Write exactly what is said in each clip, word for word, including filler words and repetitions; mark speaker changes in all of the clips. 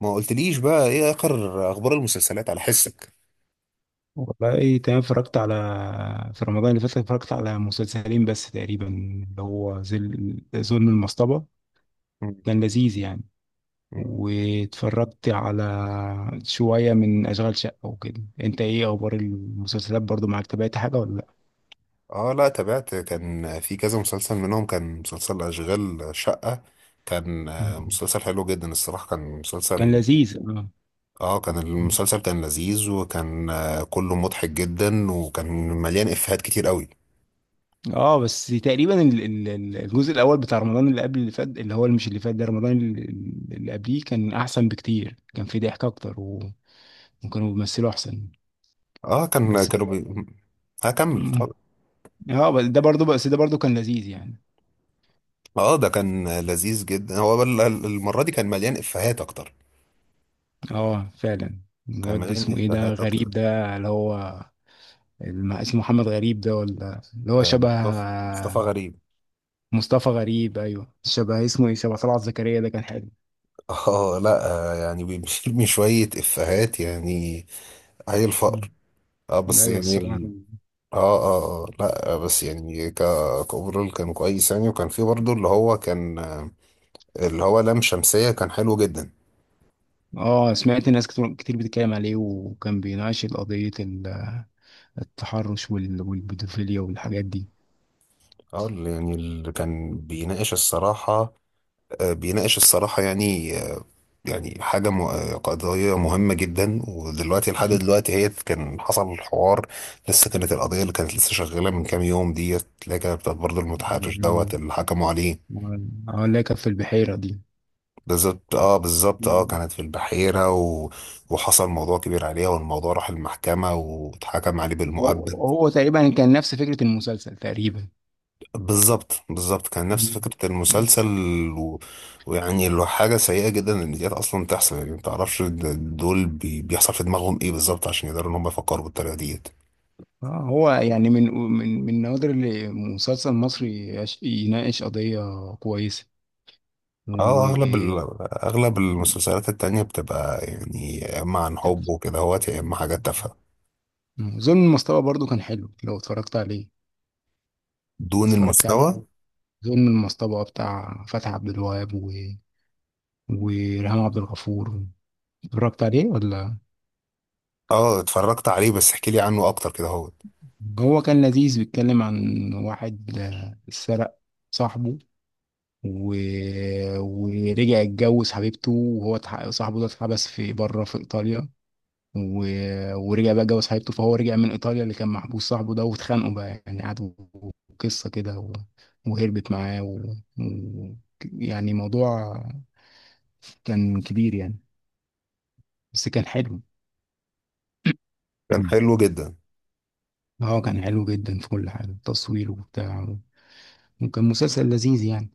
Speaker 1: ما قلتليش بقى ايه اخر اخبار المسلسلات على حسك؟
Speaker 2: والله ايه تمام. اتفرجت على في رمضان اللي فات اتفرجت على مسلسلين بس تقريبا، اللي هو ظل ظلم المصطبة،
Speaker 1: مم.
Speaker 2: كان لذيذ يعني.
Speaker 1: مم.
Speaker 2: واتفرجت على شوية من أشغال شقة وكده. انت ايه اخبار المسلسلات؟ برضو معاك، تابعت حاجة ولا لا؟
Speaker 1: اه لا، تابعت. كان في كذا مسلسل منهم، كان مسلسل اشغال شقة. كان آه،
Speaker 2: مم.
Speaker 1: مسلسل حلو جدا الصراحة. كان
Speaker 2: كان
Speaker 1: مسلسل
Speaker 2: لذيذ اه.
Speaker 1: اه كان
Speaker 2: مم.
Speaker 1: المسلسل كان لذيذ، وكان آه، كله مضحك جدا، وكان مليان افيهات كتير قوي.
Speaker 2: اه بس تقريبا ال- ال- ال- الجزء الاول بتاع رمضان اللي قبل اللي فات، اللي هو مش اللي فات ده، رمضان اللي اللي قبليه، كان احسن بكتير، كان فيه ضحك اكتر و... وكانوا بيمثلوا احسن
Speaker 1: اه كان
Speaker 2: بس.
Speaker 1: كانوا بي... هكمل اتفضل.
Speaker 2: اه بس ده برضو، بس ده برضو كان لذيذ يعني.
Speaker 1: اه ده كان لذيذ جدا. هو بل- المرة دي كان مليان افيهات اكتر.
Speaker 2: اه فعلا.
Speaker 1: كان
Speaker 2: الواد ده
Speaker 1: مليان
Speaker 2: اسمه ايه ده،
Speaker 1: افيهات
Speaker 2: غريب
Speaker 1: اكتر.
Speaker 2: ده اللي هو الم- اسمه محمد غريب ده، ولا اللي هو
Speaker 1: آه،
Speaker 2: شبه
Speaker 1: مصطفى. مصطفى غريب.
Speaker 2: مصطفى غريب؟ ايوه، شبه اسمه ايه، شبه طلعت زكريا. ده كان حلو.
Speaker 1: اه لا، آه، يعني بيرمي شوية إفيهات يعني. هي
Speaker 2: مم.
Speaker 1: الفقر. اه بس
Speaker 2: ايوه
Speaker 1: يعني
Speaker 2: الصراحه.
Speaker 1: ال... اه اه. اه لا، آه، بس يعني ك كأوفرول كان كويس يعني. وكان في برضه اللي هو كان آه، اللي هو لام شمسية، كان حلو جدا.
Speaker 2: اه سمعت ناس كتير كتير بتتكلم عليه، وكان بيناقش قضيه ال- التحرش وال- والبيدوفيليا والحاجات دي.
Speaker 1: اه اللي يعني اللي كان بيناقش الصراحة، آه، بيناقش الصراحة يعني. يعني حاجة م... قضية مهمة جدا. ودلوقتي لحد
Speaker 2: مم.
Speaker 1: دلوقتي هي كان حصل الحوار. لسه كانت القضية اللي كانت لسه شغالة من كام يوم ديت، اللي هي كانت بتاعت برضه المتحرش دوت
Speaker 2: عن-
Speaker 1: اللي حكموا عليه.
Speaker 2: عن- اه اللي هي كانت في البحيره دي.
Speaker 1: بالظبط، اه بالظبط، اه
Speaker 2: مم.
Speaker 1: كانت في البحيرة، و... وحصل موضوع كبير عليها، والموضوع راح المحكمة واتحكم عليه بالمؤبد.
Speaker 2: هو هو تقريبا كان نفس فكره المسلسل تقريبا.
Speaker 1: بالظبط بالظبط، كان نفس
Speaker 2: مم.
Speaker 1: فكرة المسلسل. و... ويعني اللي هو حاجة سيئة جدا ان ديت اصلا تحصل. يعني ما تعرفش د- دول بي... بيحصل في دماغهم ايه بالظبط عشان يقدروا ان هم يفكروا بالطريقة ديت.
Speaker 2: آه، هو يعني من من من النوادر اللي مسلسل مصري يش- يناقش قضية كويسة.
Speaker 1: اه اغلب ال...
Speaker 2: و...
Speaker 1: اغلب المسلسلات التانية بتبقى يعني، يا اما عن حب وكده هوت، يا اما حاجات تافهة
Speaker 2: ظلم المصطبة برضو كان حلو لو اتفرجت عليه.
Speaker 1: دون
Speaker 2: اتفرجت عليه؟
Speaker 1: المستوى.
Speaker 2: ظلم المصطبة بتاع فتحي عبد الوهاب و... وريهام عبد الغفور. اتفرجت عليه ولا؟
Speaker 1: اه اتفرجت عليه، بس احكي لي عنه اكتر كده هوت.
Speaker 2: هو كان لذيذ، بيتكلم عن واحد آه، سرق صاحبه و... ورجع اتجوز حبيبته، وهو اتح- صاحبه ده اتحبس في بره في ايطاليا و... ورجع بقى اتجوز حبيبته، فهو رجع من ايطاليا اللي كان محبوس صاحبه ده، واتخانقوا بقى يعني، قعدوا قصه كده و... وهربت معاه و... و... يعني موضوع كان كبير يعني، بس كان حلو.
Speaker 1: كان
Speaker 2: مم.
Speaker 1: حلو جدا.
Speaker 2: اه كان حلو جدا في كل حاجه، التصوير وبتاع، وكان مسلسل لذيذ يعني.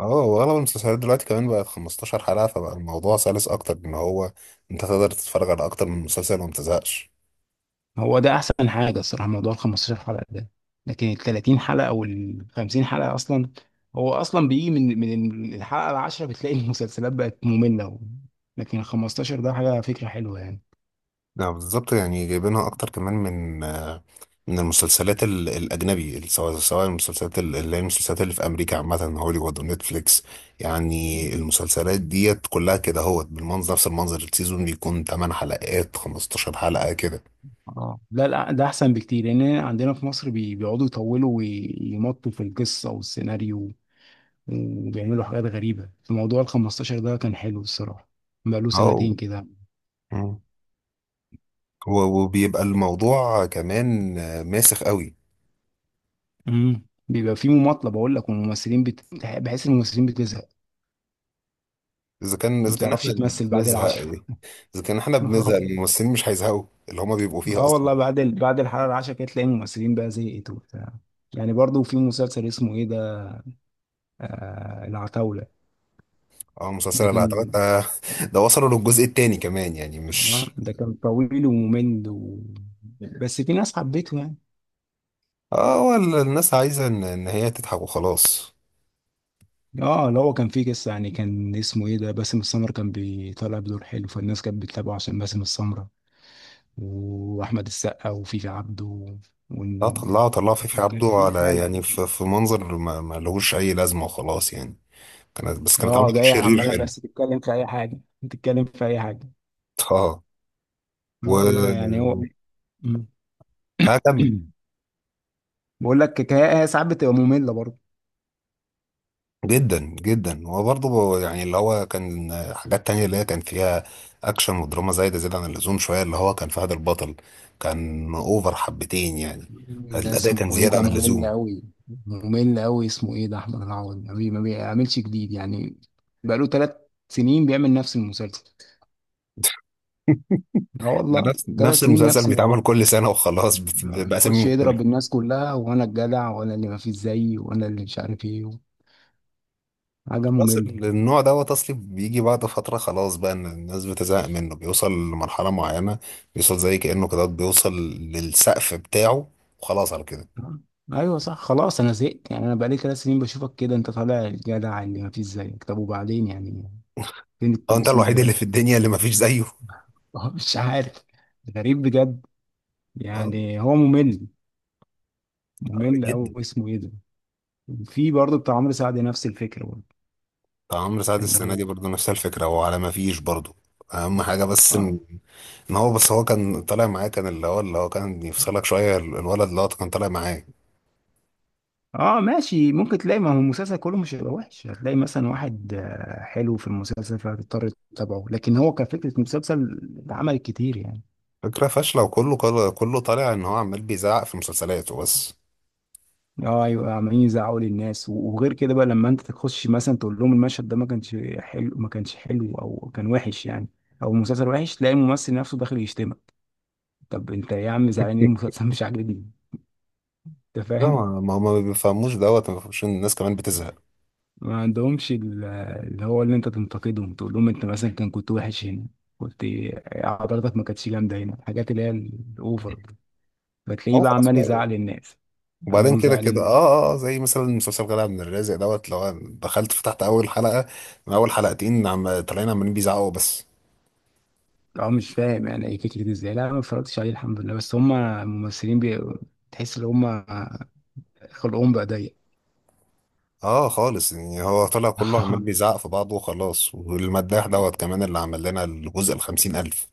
Speaker 1: اه واغلب المسلسلات دلوقتي كمان بقت 15 حلقة، فبقى الموضوع سلس اكتر ان هو انت تقدر تتفرج على اكتر من مسلسل وما تزهقش.
Speaker 2: هو ده احسن حاجه الصراحه، موضوع ال خمسة عشر حلقه ده، لكن ال ثلاثين حلقه وال خمسين حلقه اصلا، هو اصلا بيجي من من الحلقه العاشره بتلاقي المسلسلات بقت ممله و... لكن ال خمستاشر ده حاجه، فكره حلوه يعني.
Speaker 1: لا بالظبط، يعني جايبينها اكتر كمان من آه، من المسلسلات ال- الاجنبي. سواء سواء المسلسلات ال- اللي هي المسلسلات اللي في امريكا، عامة هوليوود ونتفليكس. يعني المسلسلات ديت كلها كده هوت بالمنظر، نفس المنظر. السيزون بيكون 8 حلقات، 15 حلقة كده.
Speaker 2: اه لا لا، ده احسن بكتير، لان عندنا في مصر بي- بيقعدوا يطولوا ويمطوا في القصه والسيناريو، وبيعملوا حاجات غريبه. في موضوع ال خمستاشر ده كان حلو الصراحه، بقاله
Speaker 1: اه
Speaker 2: سنتين كده.
Speaker 1: و- وبيبقى الموضوع كمان آه، ماسخ قوي.
Speaker 2: امم بيبقى فيه مماطله بقول لك، والممثلين بت... بحس إن الممثلين بتزهق،
Speaker 1: اذا كان
Speaker 2: ما
Speaker 1: اذا كان
Speaker 2: بتعرفش
Speaker 1: احنا اللي
Speaker 2: تمثل بعد
Speaker 1: بنزهق،
Speaker 2: العشرة.
Speaker 1: ايه؟ اذا كان احنا بنزهق، الممثلين مش هيزهقوا اللي هما بيبقوا فيها
Speaker 2: اه
Speaker 1: اصلا.
Speaker 2: والله بعد ال... بعد الحلقة العشرة كده تلاقي الممثلين بقى زهقت وبتاع. يعني برضو في مسلسل اسمه ايه ده، آه العتاولة،
Speaker 1: اه
Speaker 2: ده
Speaker 1: المسلسل اللي اعتقد
Speaker 2: كان
Speaker 1: ده، ده وصلوا للجزء التاني كمان يعني مش.
Speaker 2: آه، ده كان طويل وممل و... بس في ناس حبيته يعني.
Speaker 1: اه هو ال- الناس عايزه ان ان هي تضحك وخلاص.
Speaker 2: اه اللي هو كان فيه قصة يعني، كان اسمه ايه ده، باسم السمرة، كان بيطلع بدور حلو، فالناس كانت بتتابعه عشان باسم السمرة واحمد السقا وفيفي عبده و...
Speaker 1: لا طلعوا، طلعوا فيفي
Speaker 2: وكان
Speaker 1: عبده
Speaker 2: في
Speaker 1: على
Speaker 2: حالة
Speaker 1: يعني
Speaker 2: كده.
Speaker 1: في, في منظر ما، ما لهوش اي لازمه وخلاص يعني. كانت بس كانت عامله
Speaker 2: اه
Speaker 1: دور
Speaker 2: جاية
Speaker 1: شرير
Speaker 2: عمالة
Speaker 1: حلو.
Speaker 2: بس تتكلم في اي حاجة، تتكلم في اي حاجة.
Speaker 1: اه
Speaker 2: اه والله يعني
Speaker 1: و
Speaker 2: هو. مم.
Speaker 1: هكمل.
Speaker 2: بقول لك كفايه، هي ساعات بتبقى ممله برضه.
Speaker 1: جدا جدا. هو برضه يعني اللي هو كان حاجات تانية اللي هي كان فيها اكشن ودراما زايدة زيادة عن اللزوم شوية. اللي هو كان فهد البطل، كان اوفر حبتين يعني.
Speaker 2: ده
Speaker 1: الاداء
Speaker 2: اسمه
Speaker 1: كان
Speaker 2: ايه
Speaker 1: زيادة
Speaker 2: ده،
Speaker 1: عن
Speaker 2: ممل
Speaker 1: اللزوم.
Speaker 2: قوي، ممل قوي اسمه ايه ده، احمد العوضي، ما بي- ما بيعملش جديد يعني. بقاله ثلاث سنين بيعمل نفس المسلسل. اه والله
Speaker 1: نفس
Speaker 2: ثلاث
Speaker 1: نفس
Speaker 2: سنين
Speaker 1: المسلسل
Speaker 2: نفس
Speaker 1: بيتعمل
Speaker 2: الم-
Speaker 1: كل سنة وخلاص، بت- بأسامي
Speaker 2: يخش يضرب
Speaker 1: مختلفة.
Speaker 2: الناس كلها، وانا الجدع، وانا اللي ما فيش زيي، وانا اللي مش عارف ايه. حاجه
Speaker 1: خلاص
Speaker 2: ممله.
Speaker 1: النوع دوت اصلي بيجي بعد فترة. خلاص بقى ان الناس بتزهق منه، بيوصل لمرحلة معينة. بيوصل زي كأنه كده، بيوصل للسقف بتاعه وخلاص على كده.
Speaker 2: اه. ايوه صح، خلاص انا زهقت يعني. انا بقالي ثلاث سنين بشوفك كده، انت طالع الجدع اللي ما فيش زيك، طب وبعدين يعني، فين
Speaker 1: اه انت
Speaker 2: التمثيل
Speaker 1: الوحيد
Speaker 2: بقى؟
Speaker 1: اللي في الدنيا اللي مفيش زيه.
Speaker 2: هو مش عارف. غريب بجد.
Speaker 1: اه
Speaker 2: يعني هو ممل، ممل أوي،
Speaker 1: جدا.
Speaker 2: اسمه ايه ده. في برضه بتاع عمرو سعد، نفس الفكرة برضه،
Speaker 1: بتاع عمرو سعد
Speaker 2: اللي
Speaker 1: السنه دي
Speaker 2: هو
Speaker 1: برضه نفس الفكره، هو على ما فيش برضه. اهم حاجه بس
Speaker 2: اه.
Speaker 1: ان، إن هو بس هو كان طالع معاه. كان اللي هو اللي هو كان يفصلك شويه، ال- الولد اللي هو كان طالع معاه.
Speaker 2: اه ماشي، ممكن تلاقي، ما هو المسلسل كله مش هيبقى وحش، هتلاقي مثلا واحد آه، حلو في المسلسل فهتضطر تتابعه، لكن هو كفكرة مسلسل اتعمل كتير يعني.
Speaker 1: فكره فاشله، وكله كله كله طالع ان هو عمال بيزعق في مسلسلاته بس.
Speaker 2: اه ايوه عمالين يزعقوا للناس، و- وغير كده بقى، لما انت تخش مثلا تقول لهم المشهد ده ما كانش حلو، ما كانش حلو او كان وحش يعني، او المسلسل وحش، تلاقي الممثل نفسه داخل يشتمك. طب انت إيه يا عم، زعلان ليه؟ المسلسل مش عاجبني. انت
Speaker 1: لا،
Speaker 2: فاهم؟
Speaker 1: ما ما ما بيفهموش دوت، ما بيفهموش ان الناس كمان بتزهق.
Speaker 2: ما عندهمش ال- اللي هو، اللي انت تنتقدهم، تقول لهم انت مثلا كان كنت وحش هنا، كنت حضرتك ما كانتش جامده هنا الحاجات اللي هي الاوفر دي. فتلاقيه
Speaker 1: هو
Speaker 2: بقى
Speaker 1: خلاص
Speaker 2: عمال
Speaker 1: بقى.
Speaker 2: يزعل الناس، عمال
Speaker 1: وبعدين كده
Speaker 2: يزعل
Speaker 1: كده اه
Speaker 2: الناس.
Speaker 1: اه آه، زي مثلا مسلسل غلا عبد الرازق دوت، لو أنا دخلت فتحت اول حلقه، من اول حلقتين عم طالعين عمالين بيزعقوا بس.
Speaker 2: اه مش فاهم يعني ايه فكره ازاي، لا أنا ما اتفرجتش عليه الحمد لله، بس هم الممثلين بي... تحس ان هم خلقهم بقى ضيق.
Speaker 1: اه خالص، يعني هو طلع كله عمال بيزعق في بعضه وخلاص. والمداح دوت كمان، اللي عمل لنا الجزء الخمسين ألف.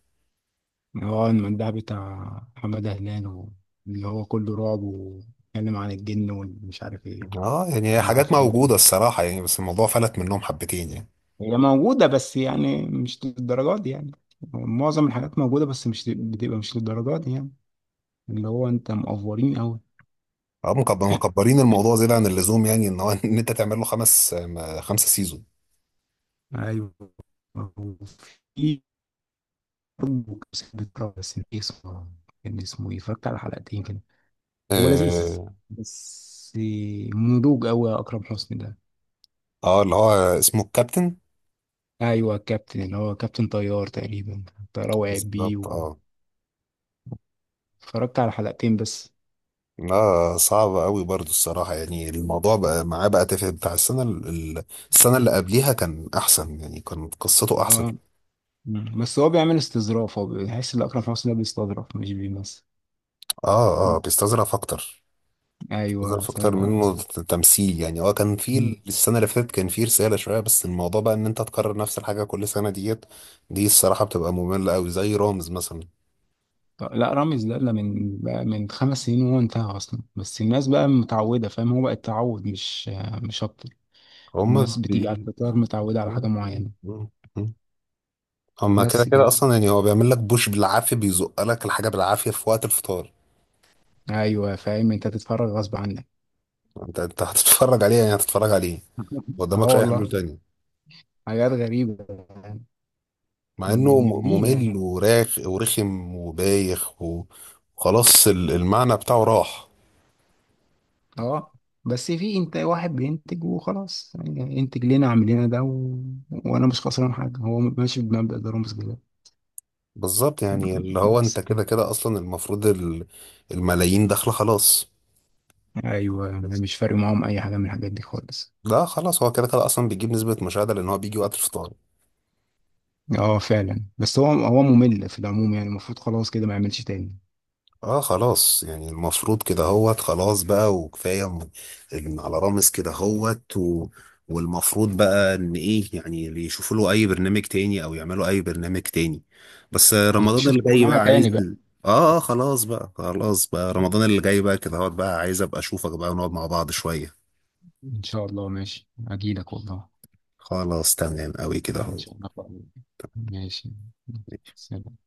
Speaker 2: هو المندهب بتاع محمد هلال و- اللي هو كله رعب، واتكلم عن الجن ومش عارف ايه
Speaker 1: اه يعني حاجات
Speaker 2: والعفاريت
Speaker 1: موجودة
Speaker 2: والهم.
Speaker 1: الصراحة يعني، بس الموضوع فلت منهم حبتين يعني.
Speaker 2: هي موجودة بس يعني مش للدرجات دي يعني، معظم الحاجات موجودة بس مش بتبقى مش للدرجات دي يعني، اللي هو انت مقفورين قوي.
Speaker 1: اه مكب- مكبرين الموضوع زيادة عن اللزوم يعني. ان هو ان انت تعمل له خمس م- خمسة سيزون.
Speaker 2: ايوه. في برضه كان بيتكرر، بس نسيت اسمه. كان اسمه ايه، اتفرجت على حلقتين كده، هو لذيذ،
Speaker 1: اه
Speaker 2: بس نضوج قوي يا اكرم حسني ده.
Speaker 1: آه، اللي هو اسمه الكابتن.
Speaker 2: ايوه كابتن، اللي هو كابتن طيار تقريبا، طيار وقع بيه
Speaker 1: بالظبط
Speaker 2: و-
Speaker 1: اه.
Speaker 2: اتفرجت على حلقتين بس.
Speaker 1: لا صعب قوي برضو الصراحة يعني. الموضوع بقى معاه بقى تافه. بتاع السنة ال- ال- السنة اللي قبليها كان أحسن يعني، كان قصته أحسن.
Speaker 2: اه. مم. بس هو بيعمل استظراف، هو بيحس ان اكرم حسني ده بيستظرف مش بيمثل.
Speaker 1: اه
Speaker 2: مم.
Speaker 1: اه، بيستظرف أكتر.
Speaker 2: ايوه
Speaker 1: ظرف اكتر
Speaker 2: تمام.
Speaker 1: منه ت- تمثيل يعني. اه كان في ال-
Speaker 2: مم.
Speaker 1: السنه اللي فاتت كان في رساله شويه، بس الموضوع بقى ان انت تكرر نفس الحاجه كل سنه ديت. دي الصراحه بتبقى ممله قوي، زي رامز مثلا.
Speaker 2: طب لا، رامز ده لا، من بقى من خمس سنين وهو انتهى اصلا، بس الناس بقى متعوده فاهم، هو بقى التعود مش مش اكتر.
Speaker 1: هما
Speaker 2: الناس
Speaker 1: اه
Speaker 2: بتيجي على
Speaker 1: بي...
Speaker 2: الفطار متعوده على حاجه معينه،
Speaker 1: هما كده
Speaker 2: بس
Speaker 1: كده
Speaker 2: كده.
Speaker 1: اصلا يعني. هو بيعمل لك بوش بالعافيه، بيزق لك الحاجه بالعافيه في وقت الفطار.
Speaker 2: ايوه فاهم، انت تتفرج غصب عنك.
Speaker 1: انت انت هتتفرج عليه يعني، هتتفرج عليه. ما
Speaker 2: اه
Speaker 1: قدامكش اي حلول
Speaker 2: والله،
Speaker 1: تاني.
Speaker 2: حاجات غريبه يعني،
Speaker 1: مع انه م-
Speaker 2: مملين يعني.
Speaker 1: ممل وراخ ورخم وبايخ وخلاص، ال- المعنى بتاعه راح.
Speaker 2: اه بس في انت واحد بينتج وخلاص يعني، انتج لنا اعمل لنا ده و... وانا مش خسران حاجه، هو ماشي بمبدأ ضروري كده،
Speaker 1: بالظبط، يعني اللي هو
Speaker 2: بس
Speaker 1: انت كده
Speaker 2: كده.
Speaker 1: كده اصلا المفروض ال- الملايين داخله خلاص.
Speaker 2: ايوه أنا مش فارق معاهم اي حاجه من الحاجات دي خالص.
Speaker 1: لا خلاص، هو كده كده اصلا بيجيب نسبة مشاهدة لان هو بيجي وقت الفطار.
Speaker 2: اه فعلا، بس هو هو ممل في العموم يعني، المفروض خلاص كده ما يعملش تاني.
Speaker 1: اه خلاص يعني المفروض كده هوت. خلاص بقى وكفاية م- إن على رامز كده هوت. و... والمفروض بقى ان ايه يعني، اللي يشوفوا له اي برنامج تاني او يعملوا اي برنامج تاني. بس رمضان
Speaker 2: نشوف
Speaker 1: اللي جاي
Speaker 2: شغلانه
Speaker 1: بقى عايز.
Speaker 2: تاني بقى.
Speaker 1: اه اه، خلاص بقى، خلاص بقى. رمضان اللي جاي بقى كده هوت، بقى عايز ابقى اشوفك بقى ونقعد مع بعض شوية.
Speaker 2: ان شاء الله ماشي، اجيلك والله.
Speaker 1: خلاص تمام قوي كده.
Speaker 2: ان شاء الله. ماشي.
Speaker 1: ماشي.
Speaker 2: سلام.